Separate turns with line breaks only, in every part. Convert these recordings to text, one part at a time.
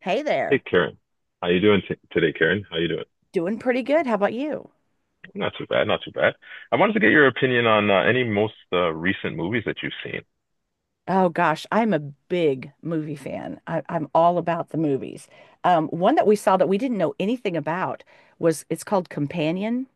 Hey
Hey
there.
Karen, how you doing t today, Karen? How you doing?
Doing pretty good. How about you?
Not too bad, not too bad. I wanted to get your opinion on any most recent movies that you've seen.
Oh gosh, I'm a big movie fan. I'm all about the movies. One that we saw that we didn't know anything about was it's called Companion.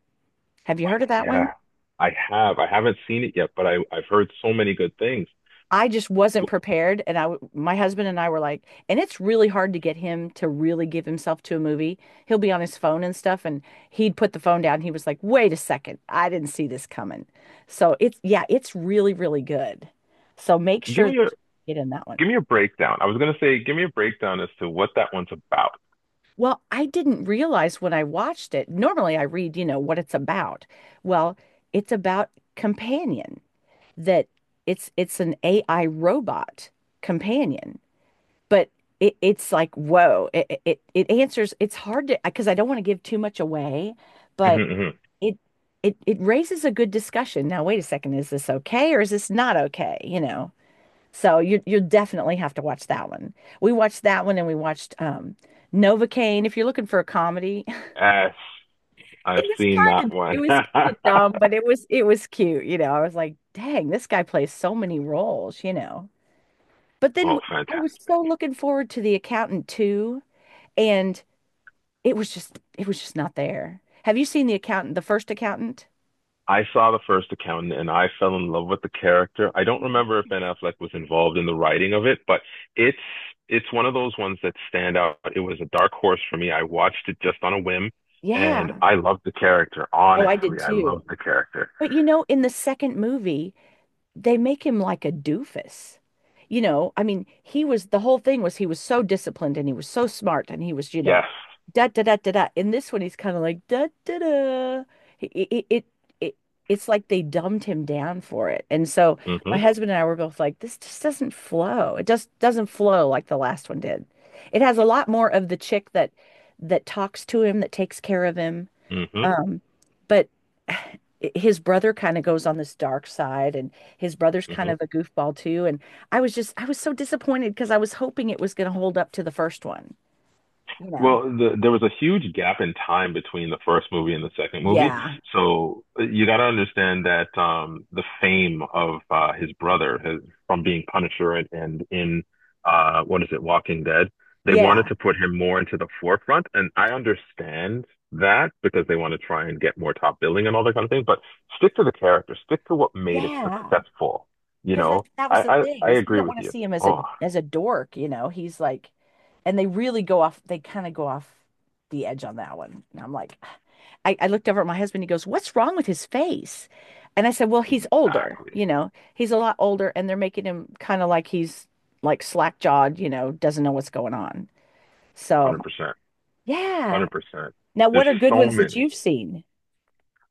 Have you heard of that one?
Yeah,
No.
I have. I haven't seen it yet, but I've heard so many good things.
I just wasn't prepared, and my husband and I were like, and it's really hard to get him to really give himself to a movie. He'll be on his phone and stuff, and he'd put the phone down. He was like, "Wait a second, I didn't see this coming." So it's yeah, it's really good. So make
Give
sure
me
that
your
you get in that one.
Give me a breakdown. I was gonna say give me a breakdown as to what that one's about.
Well, I didn't realize when I watched it. Normally, I read, you know, what it's about. Well, it's about companion that it's an AI robot companion, but it's like whoa, it answers. It's hard to because I don't want to give too much away, but
Hmm.
it it raises a good discussion. Now, wait a second, is this okay or is this not okay? You know? So you definitely have to watch that one. We watched that one and we watched Novocaine. If you're looking for a comedy,
Yes, I've
it was
seen that one.
kind of dumb, but it was cute. You know, I was like, dang, this guy plays so many roles, you know. But then
Oh,
I
fantastic.
was so looking forward to The Accountant too, and it was just not there. Have you seen The Accountant, the first accountant?
I saw the first accountant and I fell in love with the character. I don't remember if Ben Affleck was involved in the writing of it, but it's it's one of those ones that stand out. It was a dark horse for me. I watched it just on a whim and
Yeah.
I loved the character.
Oh, I did
Honestly, I
too.
loved the character.
But you know, in the second movie, they make him like a doofus. You know, I mean, he was the whole thing was he was so disciplined and he was so smart and he was, you know,
Yes.
da da da da da. In this one, he's kind of like da da da. It, it it it it's like they dumbed him down for it. And so
Mm-hmm.
my husband and I were both like, this just doesn't flow. It just doesn't flow like the last one did. It has a lot more of the chick that talks to him, that takes care of him
Mm-hmm.
um, but his brother kind of goes on this dark side, and his brother's kind
Mm-hmm.
of a goofball too. And I was just, I was so disappointed because I was hoping it was going to hold up to the first one, you know?
Well, there was a huge gap in time between the first movie and the second movie.
Yeah.
So you got to understand that the fame of his brother from being Punisher, and in what is it, Walking Dead, they wanted
Yeah.
to put him more into the forefront. And I understand that because they want to try and get more top billing and all that kind of thing. But stick to the character, stick to what made it
Yeah.
successful. You
Because that
know,
that was the
I, I,
thing
I
is we
agree
don't
with
want to
you.
see him as a
Oh,
as a dork, you know. He's like, and they really go off. They kind of go off the edge on that one. And I'm like, I looked over at my husband. He goes, "What's wrong with his face?" And I said, "Well, he's older.
exactly.
You know, he's a lot older, and they're making him kind of like he's like slack jawed. You know, doesn't know what's going on." So
100%.
yeah.
Hundred percent.
Now,
There's
what are good
so
ones that
many.
you've seen?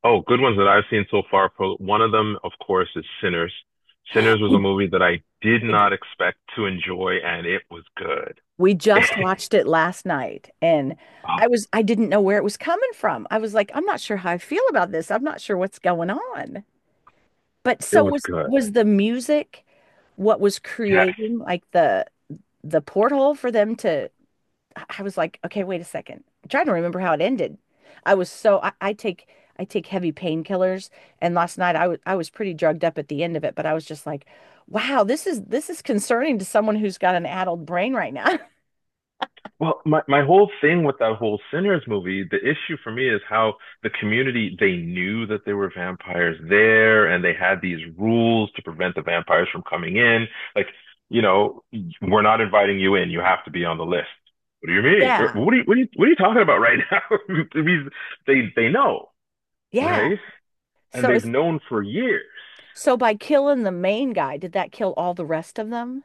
Oh, good ones that I've seen so far. One of them, of course, is Sinners. Sinners was a
We,
movie that I did
we
not expect to enjoy, and it was good.
We just watched it last night and
Oh,
I didn't know where it was coming from. I was like, I'm not sure how I feel about this. I'm not sure what's going on. But
it
so
was
was
good.
was the music what was
Yes.
creating like the porthole for them to I was like, okay, wait a second. I'm trying to remember how it ended. I was so I take heavy painkillers and last night I was pretty drugged up at the end of it, but I was just like, wow, this is concerning to someone who's got an addled brain right now.
Well, my whole thing with that whole Sinners movie, the issue for me is how the community, they knew that there were vampires there and they had these rules to prevent the vampires from coming in. Like, you know, we're not inviting you in. You have to be on the list. What do you mean?
Yeah.
What are you, what are you, what are you talking about right now? They know,
Yeah.
right? And
So
they've
is
known for years.
so by killing the main guy, did that kill all the rest of them?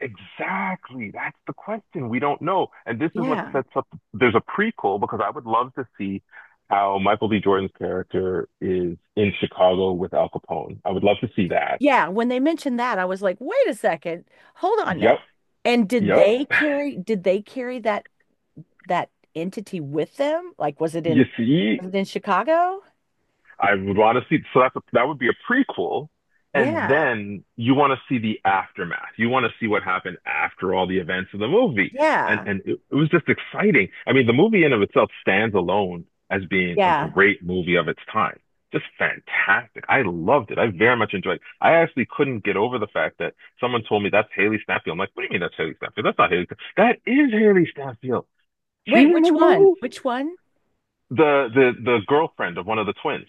Exactly. That's the question. We don't know. And this is what
Yeah.
sets up, there's a prequel because I would love to see how Michael B. Jordan's character is in Chicago with Al Capone. I would love to see that.
Yeah, when they mentioned that, I was like, wait a second, hold on now.
Yep.
And did
Yep.
they carry did they carry that that entity with them? Like
You see?
was it in Chicago?
I would want to see. So that would be a prequel, and
Yeah.
then you want to see the aftermath. You want to see what happened after all the events of the movie, and
Yeah.
it was just exciting. I mean, the movie in of itself stands alone as being a
Yeah.
great movie of its time. Just fantastic. I loved it. I very much enjoyed it. I actually couldn't get over the fact that someone told me that's Haley Stanfield. I'm like, what do you mean that's Haley Stanfield? That's not Haley. Stanfield. That is Haley Stanfield. She's
Wait,
in
which
this
one?
movie.
Which one?
The girlfriend of one of the twins.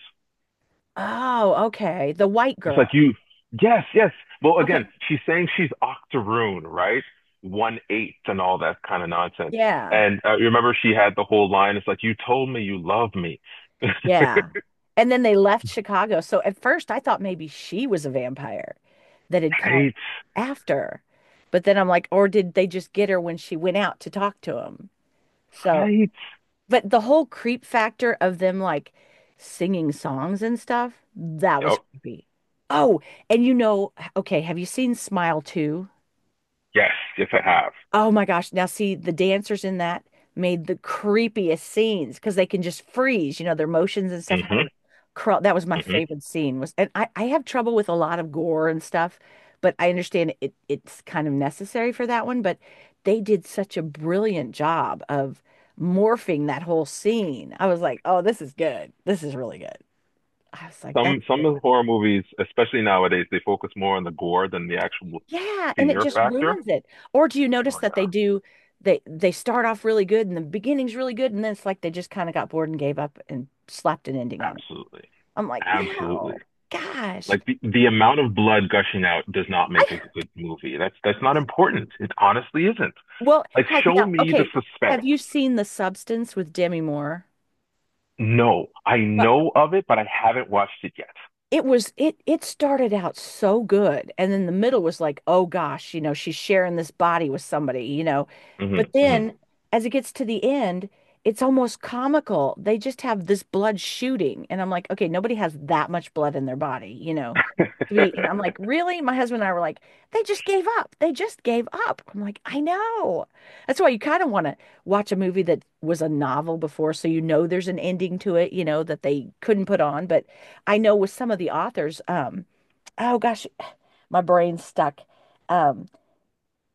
Oh, okay. The white
It's like
girl.
you, yes, yes. Well, again,
Okay.
she's saying she's Octoroon, right? One eighth and all that kind of nonsense.
Yeah.
And you remember she had the whole line. It's like you told me you love me,
Yeah. And then they left Chicago. So at first I thought maybe she was a vampire that had come
right?
after. But then I'm like, or did they just get her when she went out to talk to him? So,
Right?
but the whole creep factor of them like singing songs and stuff, that was
Oh,
creepy. Oh, and you know, okay, have you seen Smile 2?
yes, yes, I have.
Oh my gosh. Now, see, the dancers in that made the creepiest scenes because they can just freeze, you know, their motions and stuff, how
Hmm.
they're crawl. That was my
Hmm.
favorite scene was, and I have trouble with a lot of gore and stuff, but I understand it it's kind of necessary for that one, but they did such a brilliant job of morphing that whole scene. I was like, oh, this is good. This is really good. I was like, that's
Some of the horror movies, especially nowadays, they focus more on the gore than the actual
yeah, and it
fear
just
factor.
ruins it. Or do you notice
Oh
that
yeah,
they do they start off really good and the beginning's really good and then it's like they just kind of got bored and gave up and slapped an ending on it.
absolutely,
I'm like,
absolutely.
no, gosh.
Like the amount of blood gushing out does not make a
I
good movie. That's not important. It honestly isn't.
well,
Like show
Now,
me the
okay.
suspense.
Have you seen The Substance with Demi Moore?
No, I
Well,
know of it, but I haven't watched it yet.
it it started out so good and then the middle was like oh gosh, you know, she's sharing this body with somebody, you know, but
Mm-hmm, mm-hmm.
then as it gets to the end it's almost comical, they just have this blood shooting and I'm like okay, nobody has that much blood in their body, you know, to be and I'm like really, my husband and I were like they just gave up, I'm like I know that's why you kind of want to watch a movie that was a novel before so you know there's an ending to it you know that they couldn't put on, but I know with some of the authors, oh gosh, my brain's stuck. Um,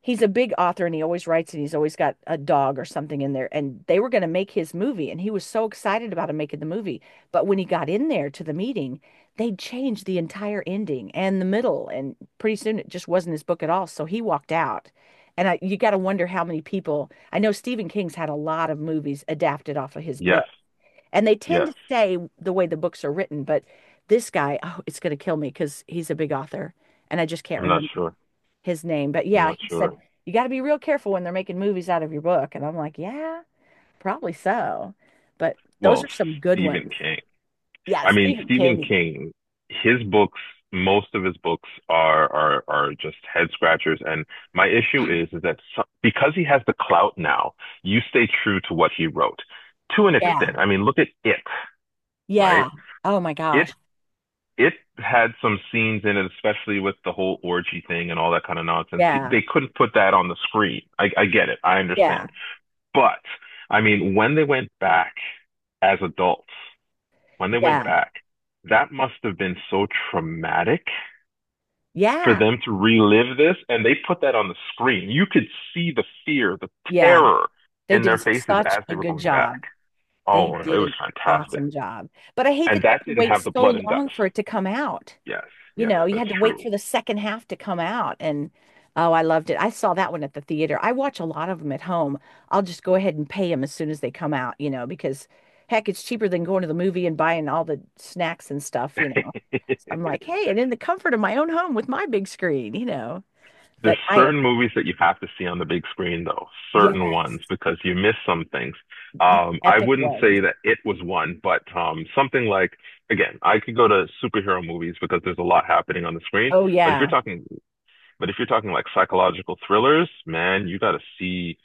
he's a big author and he always writes and he's always got a dog or something in there. And they were going to make his movie and he was so excited about him making the movie. But when he got in there to the meeting, they changed the entire ending and the middle. And pretty soon it just wasn't his book at all. So he walked out. And you got to wonder how many people, I know Stephen King's had a lot of movies adapted off of his
Yes,
book. And they tend
yes.
to stay the way the books are written, but this guy, oh, it's going to kill me because he's a big author and I just can't
I'm not
remember
sure.
his name. But
I'm
yeah,
not
he said,
sure.
you got to be real careful when they're making movies out of your book. And I'm like, yeah, probably so. But those
Well,
are some good
Stephen
ones.
King.
Yeah,
I mean,
Stephen
Stephen
King.
King, his books, most of his books are just head scratchers. And my issue is that so, because he has the clout now, you stay true to what he wrote to an
Yeah.
extent. I mean, look at it, right?
Yeah. Oh my
It
gosh.
it had some scenes in it, especially with the whole orgy thing and all that kind of nonsense.
Yeah.
They couldn't put that on the screen. I get it. I understand.
Yeah.
But I mean, when they went back as adults when they went
Yeah.
back, that must have been so traumatic for
Yeah.
them to relive this. And they put that on the screen. You could see the fear, the
Yeah.
terror
They
in their
did
faces
such
as they
a
were
good
going back.
job. They
Oh, it
did
was
an
fantastic.
awesome job. But I hate
And
that you
that
have to
didn't
wait
have the
so
blood and
long
guts.
for it to come out.
Yes,
You
yes,
know, you
that's
had to wait
true.
for the second half to come out. And oh, I loved it. I saw that one at the theater. I watch a lot of them at home. I'll just go ahead and pay them as soon as they come out, you know, because heck, it's cheaper than going to the movie and buying all the snacks and stuff, you know. I'm like, hey, and in the comfort of my own home with my big screen, you know.
There's
But I am,
certain movies that you have to see on the big screen, though, certain
yes,
ones, because you miss some things.
the
I
epic
wouldn't
ones.
say that it was one, but something like, again, I could go to superhero movies because there's a lot happening on the screen.
Oh,
But if you're
yeah.
talking, but if you're talking like psychological thrillers, man, you got to see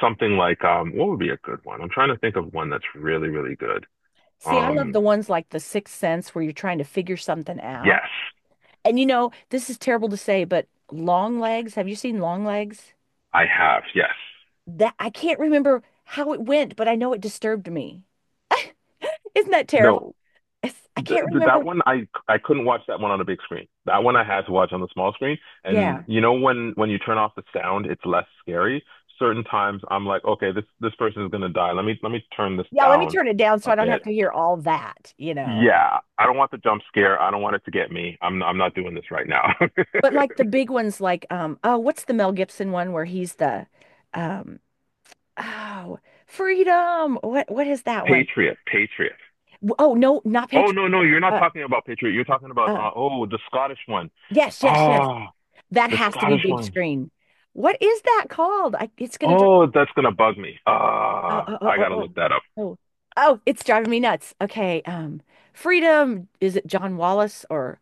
something like, what would be a good one? I'm trying to think of one that's really, really good.
See, I love the
Um,
ones like The Sixth Sense where you're trying to figure something out.
yes,
And you know, this is terrible to say, but Long Legs, have you seen Long Legs?
I have. Yes.
That I can't remember how it went, but I know it disturbed me. Isn't that terrible?
No,
It's- I
Th-
can't
that
remember.
one I couldn't watch that one on a big screen. That one I had to watch on the small screen. And
Yeah.
when you turn off the sound, it's less scary. Certain times I'm like, okay, this person is gonna die. Let me turn this
Yeah, let me
down
turn it down so
a
I don't
bit.
have to hear all that, you know.
Yeah, I don't want the jump scare. I don't want it to get me. I'm not doing this right now.
But like the big ones like oh, what's the Mel Gibson one where he's the um oh, Freedom. What is that one?
Patriot, Patriot.
Oh, no, not
Oh
Patriot.
no no, you're not
Uh,
talking about Patriot. You're talking about
uh,
oh the Scottish one.
yes, yes, yes.
Ah,
That
the
has to be
Scottish
big
one.
screen. What is that called? It's going to
Oh, that's gonna bug me.
oh,
I gotta look that up.
oh, oh, it's driving me nuts. Okay, Freedom, is it John Wallace or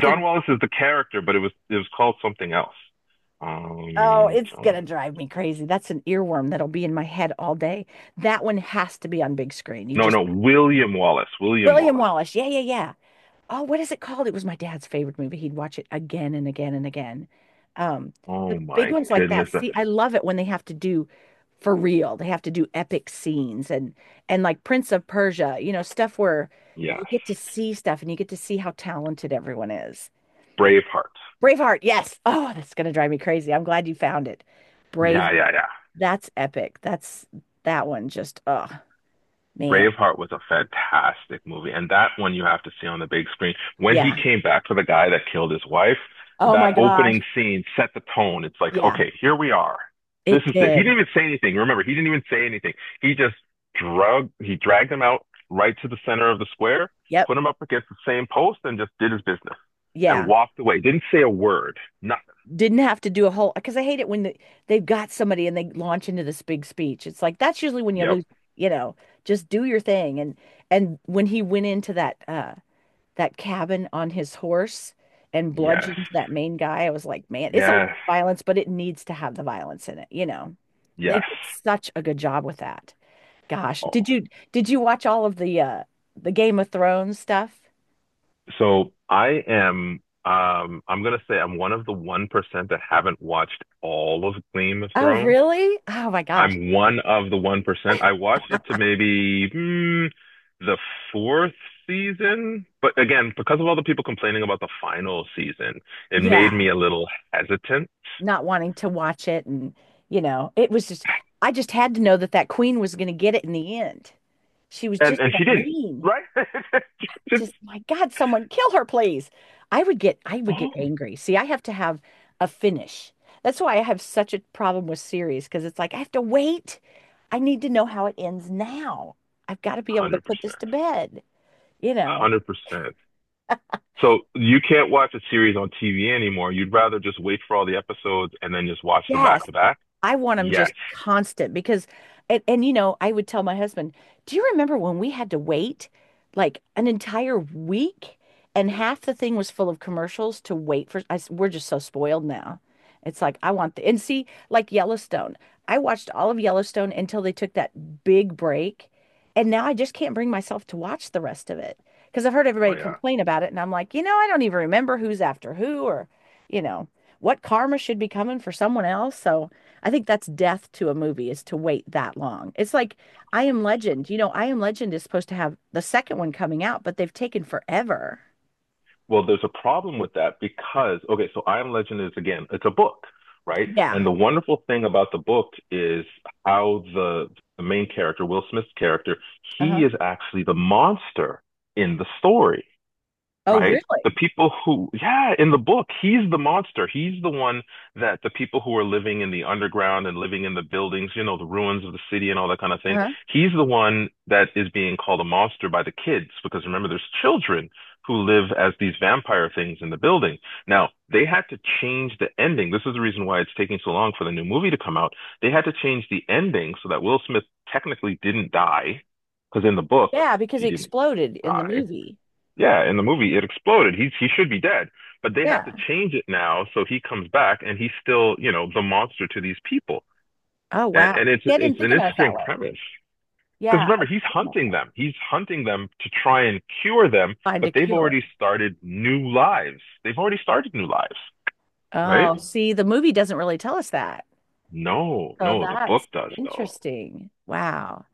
John Wallace is the character, but it was called something else.
Oh,
Um,
it's gonna drive me crazy. That's an earworm that'll be in my head all day. That one has to be on big screen. You
no,
just
no, William Wallace. William
William
Wallace.
Wallace. Yeah, yeah, yeah. Oh, what is it called? It was my dad's favorite movie. He'd watch it again and again and again. Um, the
Oh
big
my
ones like that.
goodness, that's
See, I love it when they have to do for real. They have to do epic scenes and like Prince of Persia, stuff where you
yes,
get to see stuff and you get to see how talented everyone is.
Braveheart.
Braveheart, yes. Oh, that's gonna drive me crazy. I'm glad you found it. Brave,
Yeah, yeah, yeah.
that's epic. That one just, oh man.
Braveheart was a fantastic movie, and that one you have to see on the big screen. When he
Yeah.
came back for the guy that killed his wife,
Oh
that
my gosh.
opening scene set the tone. It's like,
Yeah,
okay, here we are. This
it
is it. He
did.
didn't even say anything. Remember, he didn't even say anything. He just drug he dragged him out right to the center of the square,
Yep.
put him up against the same post, and just did his business and
Yeah.
walked away. Didn't say a word. Nothing.
Didn't have to do a whole because I hate it when they've got somebody and they launch into this big speech. It's like that's usually when you
Yep.
lose, you know, just do your thing. And when he went into that cabin on his horse and
Yes.
bludgeoned that main guy, I was like, man, it's a lot
Yes.
of violence, but it needs to have the violence in it. They
Yes.
did such a good job with that. Gosh,
Oh,
did you watch all of the Game of Thrones stuff?
so I'm gonna say I'm one of the 1% that haven't watched all of Game of
Oh,
Thrones.
really? Oh my gosh.
I'm one of the 1%. I watched up to maybe the fourth season, but again, because of all the people complaining about the final season, it made
Yeah.
me a little hesitant.
Not wanting to watch it and it was just, I just had to know that that queen was going to get it in the end. She was
And
just
and
so
she didn't,
mean.
right? It's-
Just my god, someone kill her please. I would get
Oh,
angry. See, I have to have a finish. That's why I have such a problem with series because it's like I have to wait. I need to know how it ends now. I've got to be able to put this
100%.
to bed you know
100%. So you can't watch a series on TV anymore. You'd rather just wait for all the episodes and then just watch them
yes,
back to back?
I want them
Yes.
just constant. And I would tell my husband, do you remember when we had to wait like an entire week and half the thing was full of commercials to wait for? I s We're just so spoiled now. It's like, and see, like Yellowstone, I watched all of Yellowstone until they took that big break. And now I just can't bring myself to watch the rest of it because I've heard
Oh,
everybody
yeah.
complain about it. And I'm like, I don't even remember who's after who or, you know, what karma should be coming for someone else. So, I think that's death to a movie is to wait that long. It's like I Am Legend. I Am Legend is supposed to have the second one coming out, but they've taken forever.
Well, there's a problem with that because, okay, so I Am Legend is again, it's a book, right? And
Yeah.
the wonderful thing about the book is how the main character, Will Smith's character, he
Uh-huh.
is actually the monster in the story.
Oh,
Right? The
really?
people who, yeah, in the book, he's the monster. He's the one that the people who are living in the underground and living in the buildings, the ruins of the city and all that kind of thing.
Uh-huh.
He's the one that is being called a monster by the kids because remember, there's children who live as these vampire things in the building. Now, they had to change the ending. This is the reason why it's taking so long for the new movie to come out. They had to change the ending so that Will Smith technically didn't die because in the book,
Yeah, because
he
he
didn't
exploded in the
die.
movie.
Yeah, in the movie it exploded. He should be dead, but they have to
Yeah.
change it now so he comes back and he's still, the monster to these people.
Oh,
And,
wow.
and it's
Yeah, I didn't
it's
think
an
about it that
interesting
way.
premise because
Yeah. I
remember he's
didn't think about
hunting
that.
them. He's hunting them to try and cure them,
Find
but
a
they've
cure.
already started new lives. They've already started new lives, right?
Oh, see, the movie doesn't really tell us that.
No,
So
no, the book
that's
does though.
interesting. Wow.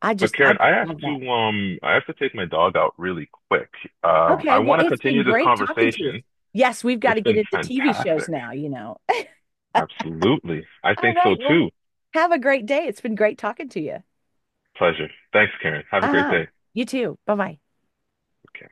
But
I
Karen, I have
love that.
to um I have to take my dog out really quick. I
Okay, well,
want to
it's been
continue this
great talking to you.
conversation.
Yes, we've got
It's
to get
been
into TV shows
fantastic.
now, you know.
Absolutely. I
All
think so
right, well,
too.
have a great day. It's been great talking to you.
Pleasure. Thanks, Karen. Have a great
Uh-huh.
day.
You too. Bye-bye.
Okay.